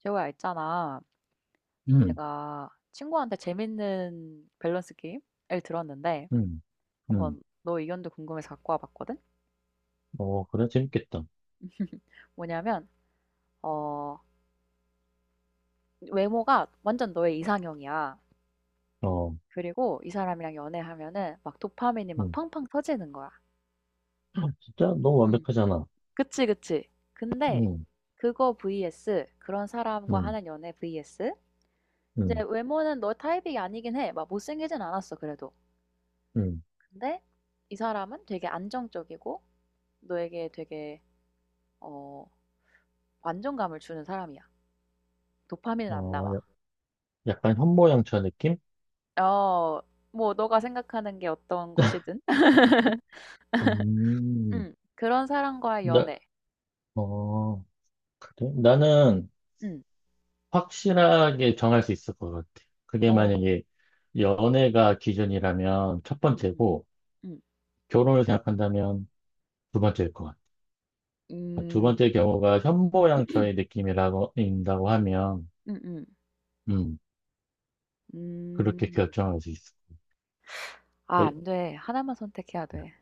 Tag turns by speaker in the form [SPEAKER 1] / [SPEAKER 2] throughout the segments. [SPEAKER 1] 재호야, 있잖아.
[SPEAKER 2] 음,
[SPEAKER 1] 내가 친구한테 재밌는 밸런스 게임을 들었는데,
[SPEAKER 2] 음, 음.
[SPEAKER 1] 한번 너 의견도 궁금해서 갖고 와봤거든?
[SPEAKER 2] 어, 그래, 재밌겠다.
[SPEAKER 1] 뭐냐면, 어, 외모가 완전 너의 이상형이야.
[SPEAKER 2] 어,
[SPEAKER 1] 그리고 이 사람이랑 연애하면은 막 도파민이 막
[SPEAKER 2] 음.
[SPEAKER 1] 팡팡 터지는 거야.
[SPEAKER 2] 진짜 너무
[SPEAKER 1] 음.
[SPEAKER 2] 완벽하잖아.
[SPEAKER 1] 그치, 그치. 근데
[SPEAKER 2] 음,
[SPEAKER 1] 그거 vs 그런 사람과
[SPEAKER 2] 음,
[SPEAKER 1] 하는 연애 vs 이제
[SPEAKER 2] 음,
[SPEAKER 1] 외모는 너 타입이 아니긴 해. 막 못생기진 않았어, 그래도.
[SPEAKER 2] 음.
[SPEAKER 1] 근데 이 사람은 되게 안정적이고 너에게 되게 어 완전감을 주는 사람이야. 도파민은 안
[SPEAKER 2] 어,
[SPEAKER 1] 나와.
[SPEAKER 2] 약간 현모양처 느낌?
[SPEAKER 1] 어 뭐 너가 생각하는 게 어떤 것이든
[SPEAKER 2] 음,
[SPEAKER 1] 그런 사람과의
[SPEAKER 2] 나,
[SPEAKER 1] 연애.
[SPEAKER 2] 어, 그래? 나는
[SPEAKER 1] 음.
[SPEAKER 2] 확실하게 정할 수 있을 것 같아. 그게
[SPEAKER 1] 어.
[SPEAKER 2] 만약에 연애가 기준이라면 첫
[SPEAKER 1] 음음.
[SPEAKER 2] 번째고,
[SPEAKER 1] 음.
[SPEAKER 2] 결혼을 생각한다면 두 번째일 것 같아. 그러니까 두
[SPEAKER 1] 음.
[SPEAKER 2] 번째 경우가 현모양처의 인다고 하면,
[SPEAKER 1] 음음. 음.
[SPEAKER 2] 음,
[SPEAKER 1] 음.
[SPEAKER 2] 그렇게
[SPEAKER 1] 음.
[SPEAKER 2] 결정할 수 있어.
[SPEAKER 1] 아안 돼. 하나만 선택해야 돼.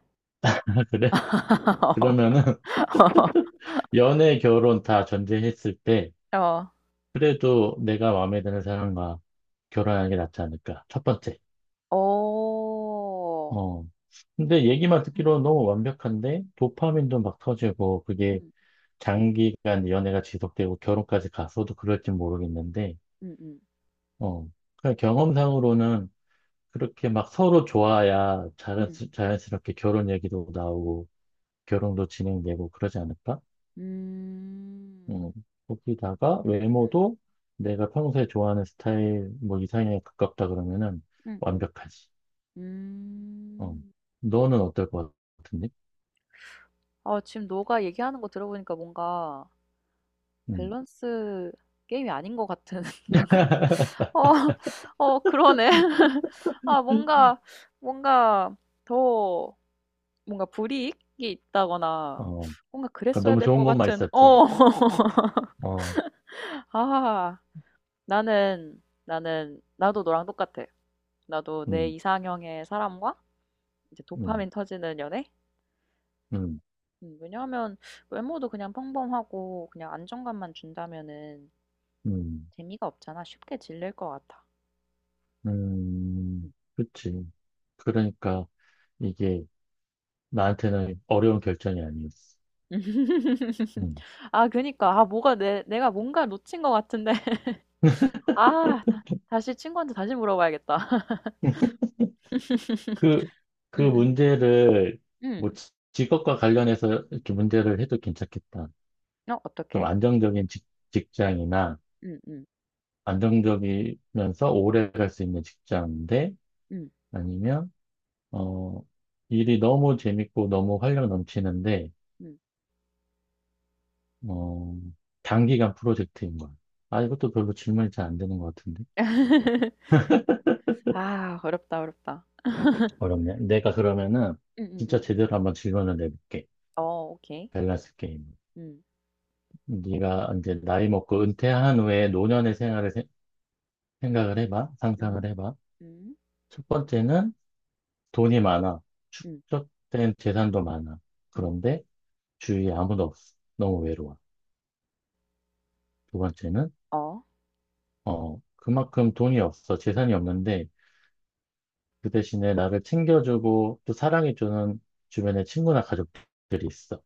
[SPEAKER 2] 그래? 그러면은 연애, 결혼 다 전제했을 때
[SPEAKER 1] 어.
[SPEAKER 2] 그래도 내가 마음에 드는 사람과 결혼하는 게 낫지 않을까? 첫 번째.
[SPEAKER 1] 어.
[SPEAKER 2] 어. 근데 얘기만
[SPEAKER 1] 음.
[SPEAKER 2] 듣기로는 너무 완벽한데
[SPEAKER 1] 음.
[SPEAKER 2] 도파민도 막 터지고 그게
[SPEAKER 1] 음.
[SPEAKER 2] 장기간 연애가 지속되고 결혼까지 갔어도 그럴지 모르겠는데
[SPEAKER 1] 음 음.
[SPEAKER 2] 어. 그냥 경험상으로는 그렇게 막 서로 좋아야 자연,
[SPEAKER 1] 음.
[SPEAKER 2] 자연스럽게 결혼 얘기도 나오고 결혼도 진행되고 그러지 않을까?
[SPEAKER 1] 음.
[SPEAKER 2] 음, 거기다가
[SPEAKER 1] 음.
[SPEAKER 2] 외모도 내가 평소에 좋아하는 스타일 뭐 이상형에 가깝다 그러면은 완벽하지.
[SPEAKER 1] 음. 음.
[SPEAKER 2] 어.
[SPEAKER 1] 음.
[SPEAKER 2] 너는 어떨 것 같은데?
[SPEAKER 1] 아 지금 너가 얘기하는 거 들어보니까 뭔가
[SPEAKER 2] 음.
[SPEAKER 1] 밸런스 게임이 아닌 것 같은. 방금 어, 그러네. 아 뭔가 뭔가 더 뭔가 불이익이 있다거나
[SPEAKER 2] 어,
[SPEAKER 1] 뭔가
[SPEAKER 2] 그러니까
[SPEAKER 1] 그랬어야
[SPEAKER 2] 너무
[SPEAKER 1] 될 것,
[SPEAKER 2] 좋은 것만
[SPEAKER 1] 같은.
[SPEAKER 2] 있었지.
[SPEAKER 1] 어.
[SPEAKER 2] 어,
[SPEAKER 1] 아 나는 나는 나도 너랑 똑같아. 나도 내
[SPEAKER 2] 음,
[SPEAKER 1] 이상형의 사람과 이제
[SPEAKER 2] 음,
[SPEAKER 1] 도파민 터지는 연애?
[SPEAKER 2] 음,
[SPEAKER 1] 왜냐하면 외모도 그냥 평범하고 그냥 안정감만 준다면은
[SPEAKER 2] 음,
[SPEAKER 1] 재미가 없잖아. 쉽게 질릴 것 같아.
[SPEAKER 2] 그치. 그러니까 이게 나한테는 어려운 결정이 아니었어. 음.
[SPEAKER 1] 아 그니까. 아 뭐가 내 내가 뭔가 놓친 것 같은데. 아 다 다시 친구한테 다시 물어봐야겠다.
[SPEAKER 2] 그, 그
[SPEAKER 1] 응,
[SPEAKER 2] 문제를 뭐
[SPEAKER 1] 응,
[SPEAKER 2] 직업과 관련해서 이렇게 문제를 해도 괜찮겠다.
[SPEAKER 1] 어
[SPEAKER 2] 좀
[SPEAKER 1] 어떡해?
[SPEAKER 2] 안정적인 직장이나
[SPEAKER 1] 응, 응,
[SPEAKER 2] 안정적이면서 오래 갈 수 있는 직장인데
[SPEAKER 1] 응,
[SPEAKER 2] 아니면 어 일이 너무 재밌고 너무 활력 넘치는데
[SPEAKER 1] 응.
[SPEAKER 2] 어 단기간 프로젝트인 거야. 아 이것도 별로 질문이 잘 안 되는 것 같은데
[SPEAKER 1] 아 어렵다, 어렵다.
[SPEAKER 2] 어렵네. 내가 그러면은
[SPEAKER 1] 응, 응,
[SPEAKER 2] 진짜
[SPEAKER 1] 응.
[SPEAKER 2] 제대로 한번 질문을 내볼게.
[SPEAKER 1] 어 오케이.
[SPEAKER 2] 밸런스 게임.
[SPEAKER 1] 음.
[SPEAKER 2] 네가 이제 나이 먹고 은퇴한 후에 노년의 생활을 생각을 해봐.
[SPEAKER 1] 음.
[SPEAKER 2] 상상을 해봐.
[SPEAKER 1] 음.
[SPEAKER 2] 첫 번째는 돈이 많아.
[SPEAKER 1] 음.
[SPEAKER 2] 축적된 재산도 많아.
[SPEAKER 1] 음.
[SPEAKER 2] 그런데 주위에 아무도 없어. 너무 외로워. 두 번째는,
[SPEAKER 1] 어.
[SPEAKER 2] 어, 그만큼 돈이 없어. 재산이 없는데, 그 대신에 나를 챙겨주고 또 사랑해주는 주변의 친구나 가족들이 있어.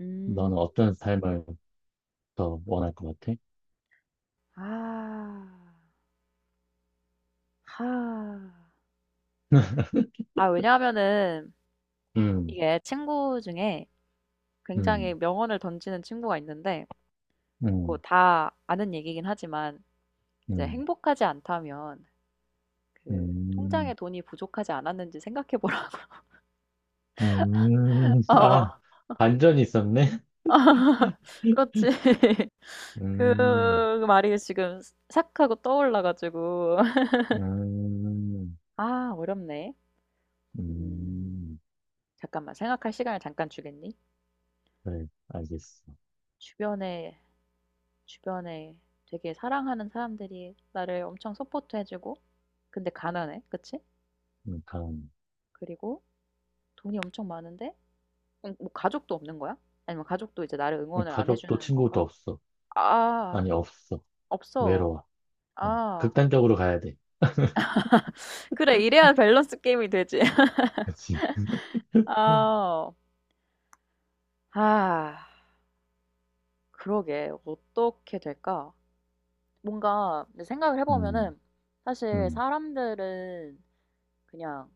[SPEAKER 1] 음.
[SPEAKER 2] 너는 어떤 삶을 더 원할 것 같아?
[SPEAKER 1] 아. 하. 아 왜냐하면은
[SPEAKER 2] 음,
[SPEAKER 1] 이게 친구 중에 굉장히
[SPEAKER 2] 음,
[SPEAKER 1] 명언을 던지는 친구가 있는데 뭐
[SPEAKER 2] 음,
[SPEAKER 1] 다 아는 얘기긴 하지만 이제
[SPEAKER 2] 음,
[SPEAKER 1] 행복하지 않다면 그 통장에
[SPEAKER 2] 음,
[SPEAKER 1] 돈이 부족하지 않았는지 생각해 보라고.
[SPEAKER 2] 아,
[SPEAKER 1] 어,
[SPEAKER 2] 반전이 있었네?
[SPEAKER 1] 그렇지. 그
[SPEAKER 2] 음,
[SPEAKER 1] 말이 지금 싹 하고 떠올라가지고.
[SPEAKER 2] 음,
[SPEAKER 1] 아, 어렵네. 음,
[SPEAKER 2] 음,
[SPEAKER 1] 잠깐만. 생각할 시간을 잠깐 주겠니?
[SPEAKER 2] 그래, 알겠어.
[SPEAKER 1] 주변에, 주변에 되게 사랑하는 사람들이 나를 엄청 서포트해주고, 근데 가난해. 그치?
[SPEAKER 2] 그러니까
[SPEAKER 1] 그리고 돈이 엄청 많은데, 뭐 가족도 없는 거야? 아니면 가족도 이제 나를 응원을 안
[SPEAKER 2] 가족도
[SPEAKER 1] 해주는 건가?
[SPEAKER 2] 친구도 없어.
[SPEAKER 1] 아,
[SPEAKER 2] 아니, 없어.
[SPEAKER 1] 없어.
[SPEAKER 2] 외로워. 어.
[SPEAKER 1] 아.
[SPEAKER 2] 극단적으로 가야 돼.
[SPEAKER 1] 그래. 이래야 밸런스 게임이 되지.
[SPEAKER 2] 그지
[SPEAKER 1] 아. 아. 그러게. 어떻게 될까? 뭔가 생각을
[SPEAKER 2] 음,
[SPEAKER 1] 해보면은 사실
[SPEAKER 2] 음,
[SPEAKER 1] 사람들은 그냥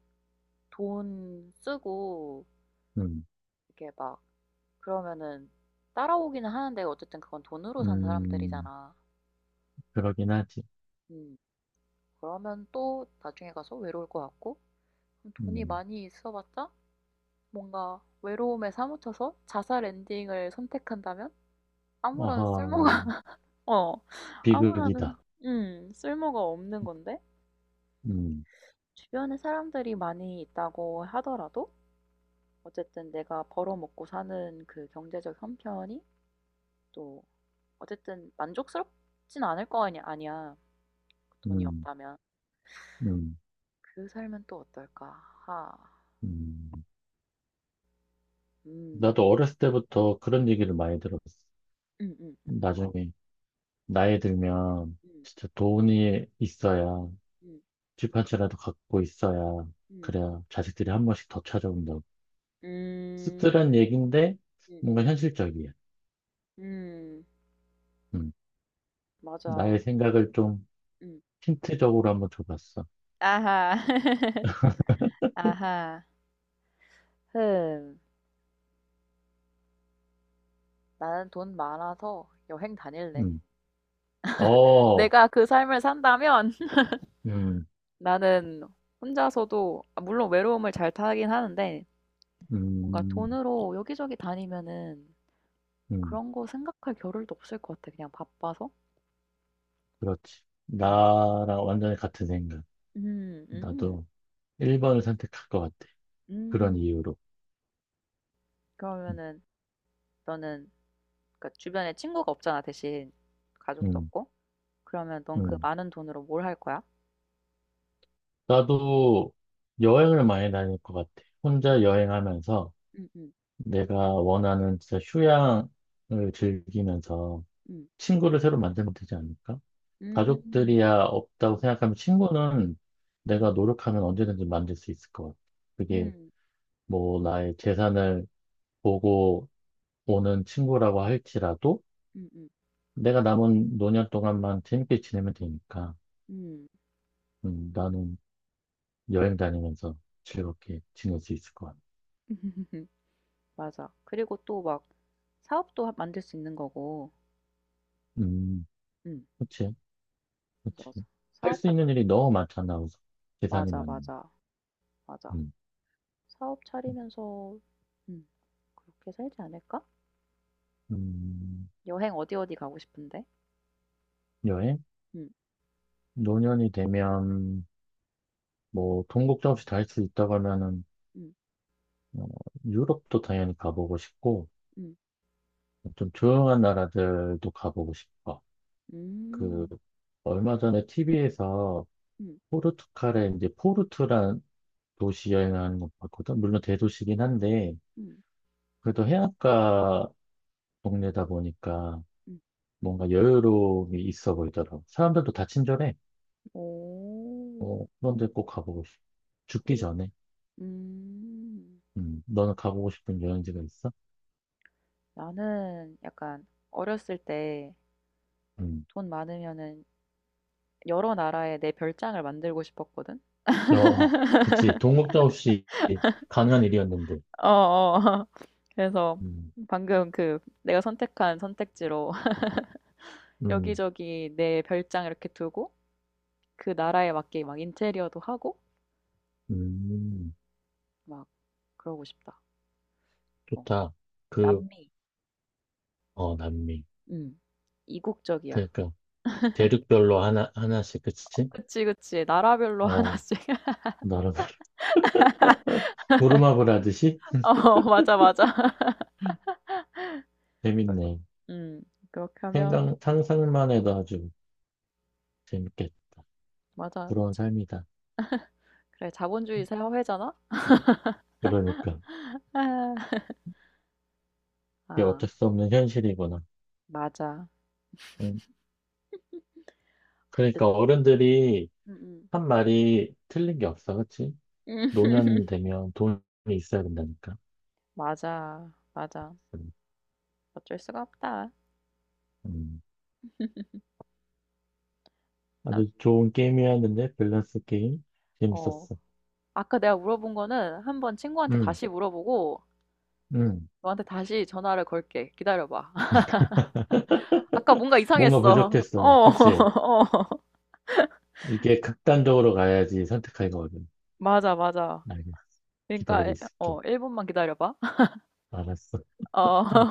[SPEAKER 1] 돈 쓰고
[SPEAKER 2] 음,
[SPEAKER 1] 이렇게 막 그러면은 따라오기는 하는데 어쨌든 그건 돈으로 산
[SPEAKER 2] 음.
[SPEAKER 1] 사람들이잖아.
[SPEAKER 2] 그러긴 하지.
[SPEAKER 1] 음. 그러면 또 나중에 가서 외로울 것 같고 그럼 돈이
[SPEAKER 2] 음.
[SPEAKER 1] 많이 있어봤자 뭔가 외로움에 사무쳐서 자살 엔딩을 선택한다면 아무런 쓸모.
[SPEAKER 2] 아하,
[SPEAKER 1] 어, 아무런,
[SPEAKER 2] 비극이다.
[SPEAKER 1] 쓸모가 없는 건데?
[SPEAKER 2] 음,
[SPEAKER 1] 주변에 사람들이 많이 있다고 하더라도, 어쨌든 내가 벌어먹고 사는 그 경제적 형편이 또, 어쨌든 만족스럽진 않을 거 아니, 아니야. 돈이
[SPEAKER 2] 음,
[SPEAKER 1] 없다면.
[SPEAKER 2] 음,
[SPEAKER 1] 그 삶은 또 어떨까? 하,
[SPEAKER 2] 음.
[SPEAKER 1] 음,
[SPEAKER 2] 나도 어렸을 때부터 그런 얘기를 많이 들었어.
[SPEAKER 1] 어떤가?
[SPEAKER 2] 나중에 나이 들면
[SPEAKER 1] 음,
[SPEAKER 2] 진짜 돈이 있어야
[SPEAKER 1] 음,
[SPEAKER 2] 집 한 채라도 갖고 있어야
[SPEAKER 1] 음,
[SPEAKER 2] 그래야 자식들이 한 번씩 더 찾아온다고.
[SPEAKER 1] 음,
[SPEAKER 2] 씁쓸한 얘기인데
[SPEAKER 1] 음,
[SPEAKER 2] 뭔가
[SPEAKER 1] 음,
[SPEAKER 2] 현실적이야.
[SPEAKER 1] 음,
[SPEAKER 2] 음,
[SPEAKER 1] 맞아.
[SPEAKER 2] 나의 생각을 좀
[SPEAKER 1] 음,
[SPEAKER 2] 힌트적으로 한번 줘봤어.
[SPEAKER 1] 아하, 아하, 흠. 나는 돈 많아서 여행 다닐래.
[SPEAKER 2] 음, 어,
[SPEAKER 1] 내가 그 삶을 산다면.
[SPEAKER 2] 음,
[SPEAKER 1] 나는 혼자서도, 아, 물론 외로움을 잘 타긴 하는데, 뭔가
[SPEAKER 2] 음,
[SPEAKER 1] 돈으로 여기저기 다니면은
[SPEAKER 2] 음,
[SPEAKER 1] 그런 거 생각할 겨를도 없을 것 같아. 그냥 바빠서.
[SPEAKER 2] 그렇지.
[SPEAKER 1] 음,
[SPEAKER 2] 나랑 완전히 같은 생각.
[SPEAKER 1] 음, 음,
[SPEAKER 2] 나도 1번을 선택할 것 같아. 그런
[SPEAKER 1] 음.
[SPEAKER 2] 이유로. 음,
[SPEAKER 1] 그러면은 너는 그러니까 주변에 친구가 없잖아, 대신 가족도
[SPEAKER 2] 음,
[SPEAKER 1] 없고. 그러면 넌 그
[SPEAKER 2] 음.
[SPEAKER 1] 많은 돈으로 뭘 할 거야?
[SPEAKER 2] 나도 여행을 많이 다닐 것 같아. 혼자
[SPEAKER 1] 음,
[SPEAKER 2] 여행하면서
[SPEAKER 1] 음,
[SPEAKER 2] 내가 원하는 진짜 휴양을 즐기면서
[SPEAKER 1] 음,
[SPEAKER 2] 친구를 새로 만들면 되지 않을까?
[SPEAKER 1] 음,
[SPEAKER 2] 가족들이야 없다고
[SPEAKER 1] 음,
[SPEAKER 2] 생각하면 친구는 내가
[SPEAKER 1] 음,
[SPEAKER 2] 노력하면 언제든지 만들 수 있을 것 같아. 그게
[SPEAKER 1] 음,
[SPEAKER 2] 뭐 나의 재산을 보고 오는 친구라고 할지라도
[SPEAKER 1] 음, 음,
[SPEAKER 2] 내가 남은 노년 동안만 재밌게 지내면 되니까
[SPEAKER 1] 음.
[SPEAKER 2] 나는 여행 다니면서 즐겁게 지낼 수 있을 것 같아.
[SPEAKER 1] 음. 맞아. 그리고 또 막 사업도 만들 수 있는 거고.
[SPEAKER 2] 음,
[SPEAKER 1] 응.
[SPEAKER 2] 그치,
[SPEAKER 1] 그래서
[SPEAKER 2] 그치. 할
[SPEAKER 1] 사업
[SPEAKER 2] 수
[SPEAKER 1] 같.
[SPEAKER 2] 있는 일이 너무 많잖아, 우선. 재산이
[SPEAKER 1] 맞아,
[SPEAKER 2] 많이.
[SPEAKER 1] 맞아, 맞아.
[SPEAKER 2] 음,
[SPEAKER 1] 사업 차리면서 응. 그렇게 살지 않을까?
[SPEAKER 2] 음,
[SPEAKER 1] 여행 어디 어디 가고 싶은데?
[SPEAKER 2] 여행?
[SPEAKER 1] 응,
[SPEAKER 2] 노년이 되면 뭐, 돈 걱정 없이 다 할 수 있다고 하면은
[SPEAKER 1] 응,
[SPEAKER 2] 어, 유럽도 당연히 가보고 싶고,
[SPEAKER 1] 응,
[SPEAKER 2] 좀 조용한 나라들도 가보고 싶어. 그,
[SPEAKER 1] 음,
[SPEAKER 2] 얼마 전에 TV에서
[SPEAKER 1] 응,
[SPEAKER 2] 포르투갈의 이제 포르투란 도시 여행하는 거 봤거든. 물론 대도시긴 한데,
[SPEAKER 1] 응,
[SPEAKER 2] 그래도 해안가 동네다 보니까
[SPEAKER 1] 응.
[SPEAKER 2] 뭔가 여유로움이 있어 보이더라고. 사람들도 다 친절해.
[SPEAKER 1] 오,
[SPEAKER 2] 어, 그런데 꼭 가보고 싶어. 죽기
[SPEAKER 1] 포르.
[SPEAKER 2] 전에.
[SPEAKER 1] 음,
[SPEAKER 2] 너는 가보고 싶은 여행지가 있어?
[SPEAKER 1] 나는 약간 어렸을 때
[SPEAKER 2] 음,
[SPEAKER 1] 돈 많으면은 여러 나라에 내 별장을 만들고 싶었거든.
[SPEAKER 2] 어, 그치. 동업자 없이 가능한 일이었는데.
[SPEAKER 1] 어, 어. 그래서
[SPEAKER 2] 음.
[SPEAKER 1] 방금 그 내가 선택한 선택지로
[SPEAKER 2] 음,
[SPEAKER 1] 여기저기 내 별장 이렇게 두고 그 나라에 맞게 막 인테리어도 하고
[SPEAKER 2] 음,
[SPEAKER 1] 막 그러고 싶다. 어.
[SPEAKER 2] 좋다. 그,
[SPEAKER 1] 남미.
[SPEAKER 2] 어, 남미.
[SPEAKER 1] 음. 이국적이야.
[SPEAKER 2] 그러니까, 대륙별로 하나, 하나씩, 그치?
[SPEAKER 1] 그치, 그치. 나라별로
[SPEAKER 2] 어,
[SPEAKER 1] 하나씩.
[SPEAKER 2] 나름, 무릎마블 하듯이?
[SPEAKER 1] 어, 맞아, 맞아.
[SPEAKER 2] 재밌네.
[SPEAKER 1] 음. 그렇게 하면
[SPEAKER 2] 생각, 상상만 해도 아주 재밌겠다.
[SPEAKER 1] 맞아.
[SPEAKER 2] 부러운 삶이다.
[SPEAKER 1] 그래, 자본주의 사회잖아?
[SPEAKER 2] 그러니까,
[SPEAKER 1] 아,
[SPEAKER 2] 이게
[SPEAKER 1] 아,
[SPEAKER 2] 어쩔 수 없는 현실이구나.
[SPEAKER 1] 맞아.
[SPEAKER 2] 음, 그러니까, 어른들이
[SPEAKER 1] 음, 음.
[SPEAKER 2] 한 말이 틀린 게 없어, 그치?
[SPEAKER 1] 음.
[SPEAKER 2] 노년 되면 돈이 있어야 된다니까.
[SPEAKER 1] 맞아, 맞아.
[SPEAKER 2] 음,
[SPEAKER 1] 어쩔 수가 없다.
[SPEAKER 2] 음. 아주 좋은 게임이었는데, 밸런스 게임.
[SPEAKER 1] 어,
[SPEAKER 2] 재밌었어.
[SPEAKER 1] 아까 내가 물어본 거는 한번 친구한테
[SPEAKER 2] 음.
[SPEAKER 1] 다시 물어보고
[SPEAKER 2] 음.
[SPEAKER 1] 너한테 다시 전화를 걸게. 기다려봐. 아까 뭔가
[SPEAKER 2] 뭔가
[SPEAKER 1] 이상했어. 어,
[SPEAKER 2] 부족했어. 그치?
[SPEAKER 1] 어,
[SPEAKER 2] 이게 극단적으로 가야지 선택하기가 어려워.
[SPEAKER 1] 맞아, 맞아.
[SPEAKER 2] 알겠어.
[SPEAKER 1] 그러니까,
[SPEAKER 2] 기다리고 있을게.
[SPEAKER 1] 1분만 기다려봐.
[SPEAKER 2] 알았어.
[SPEAKER 1] 어.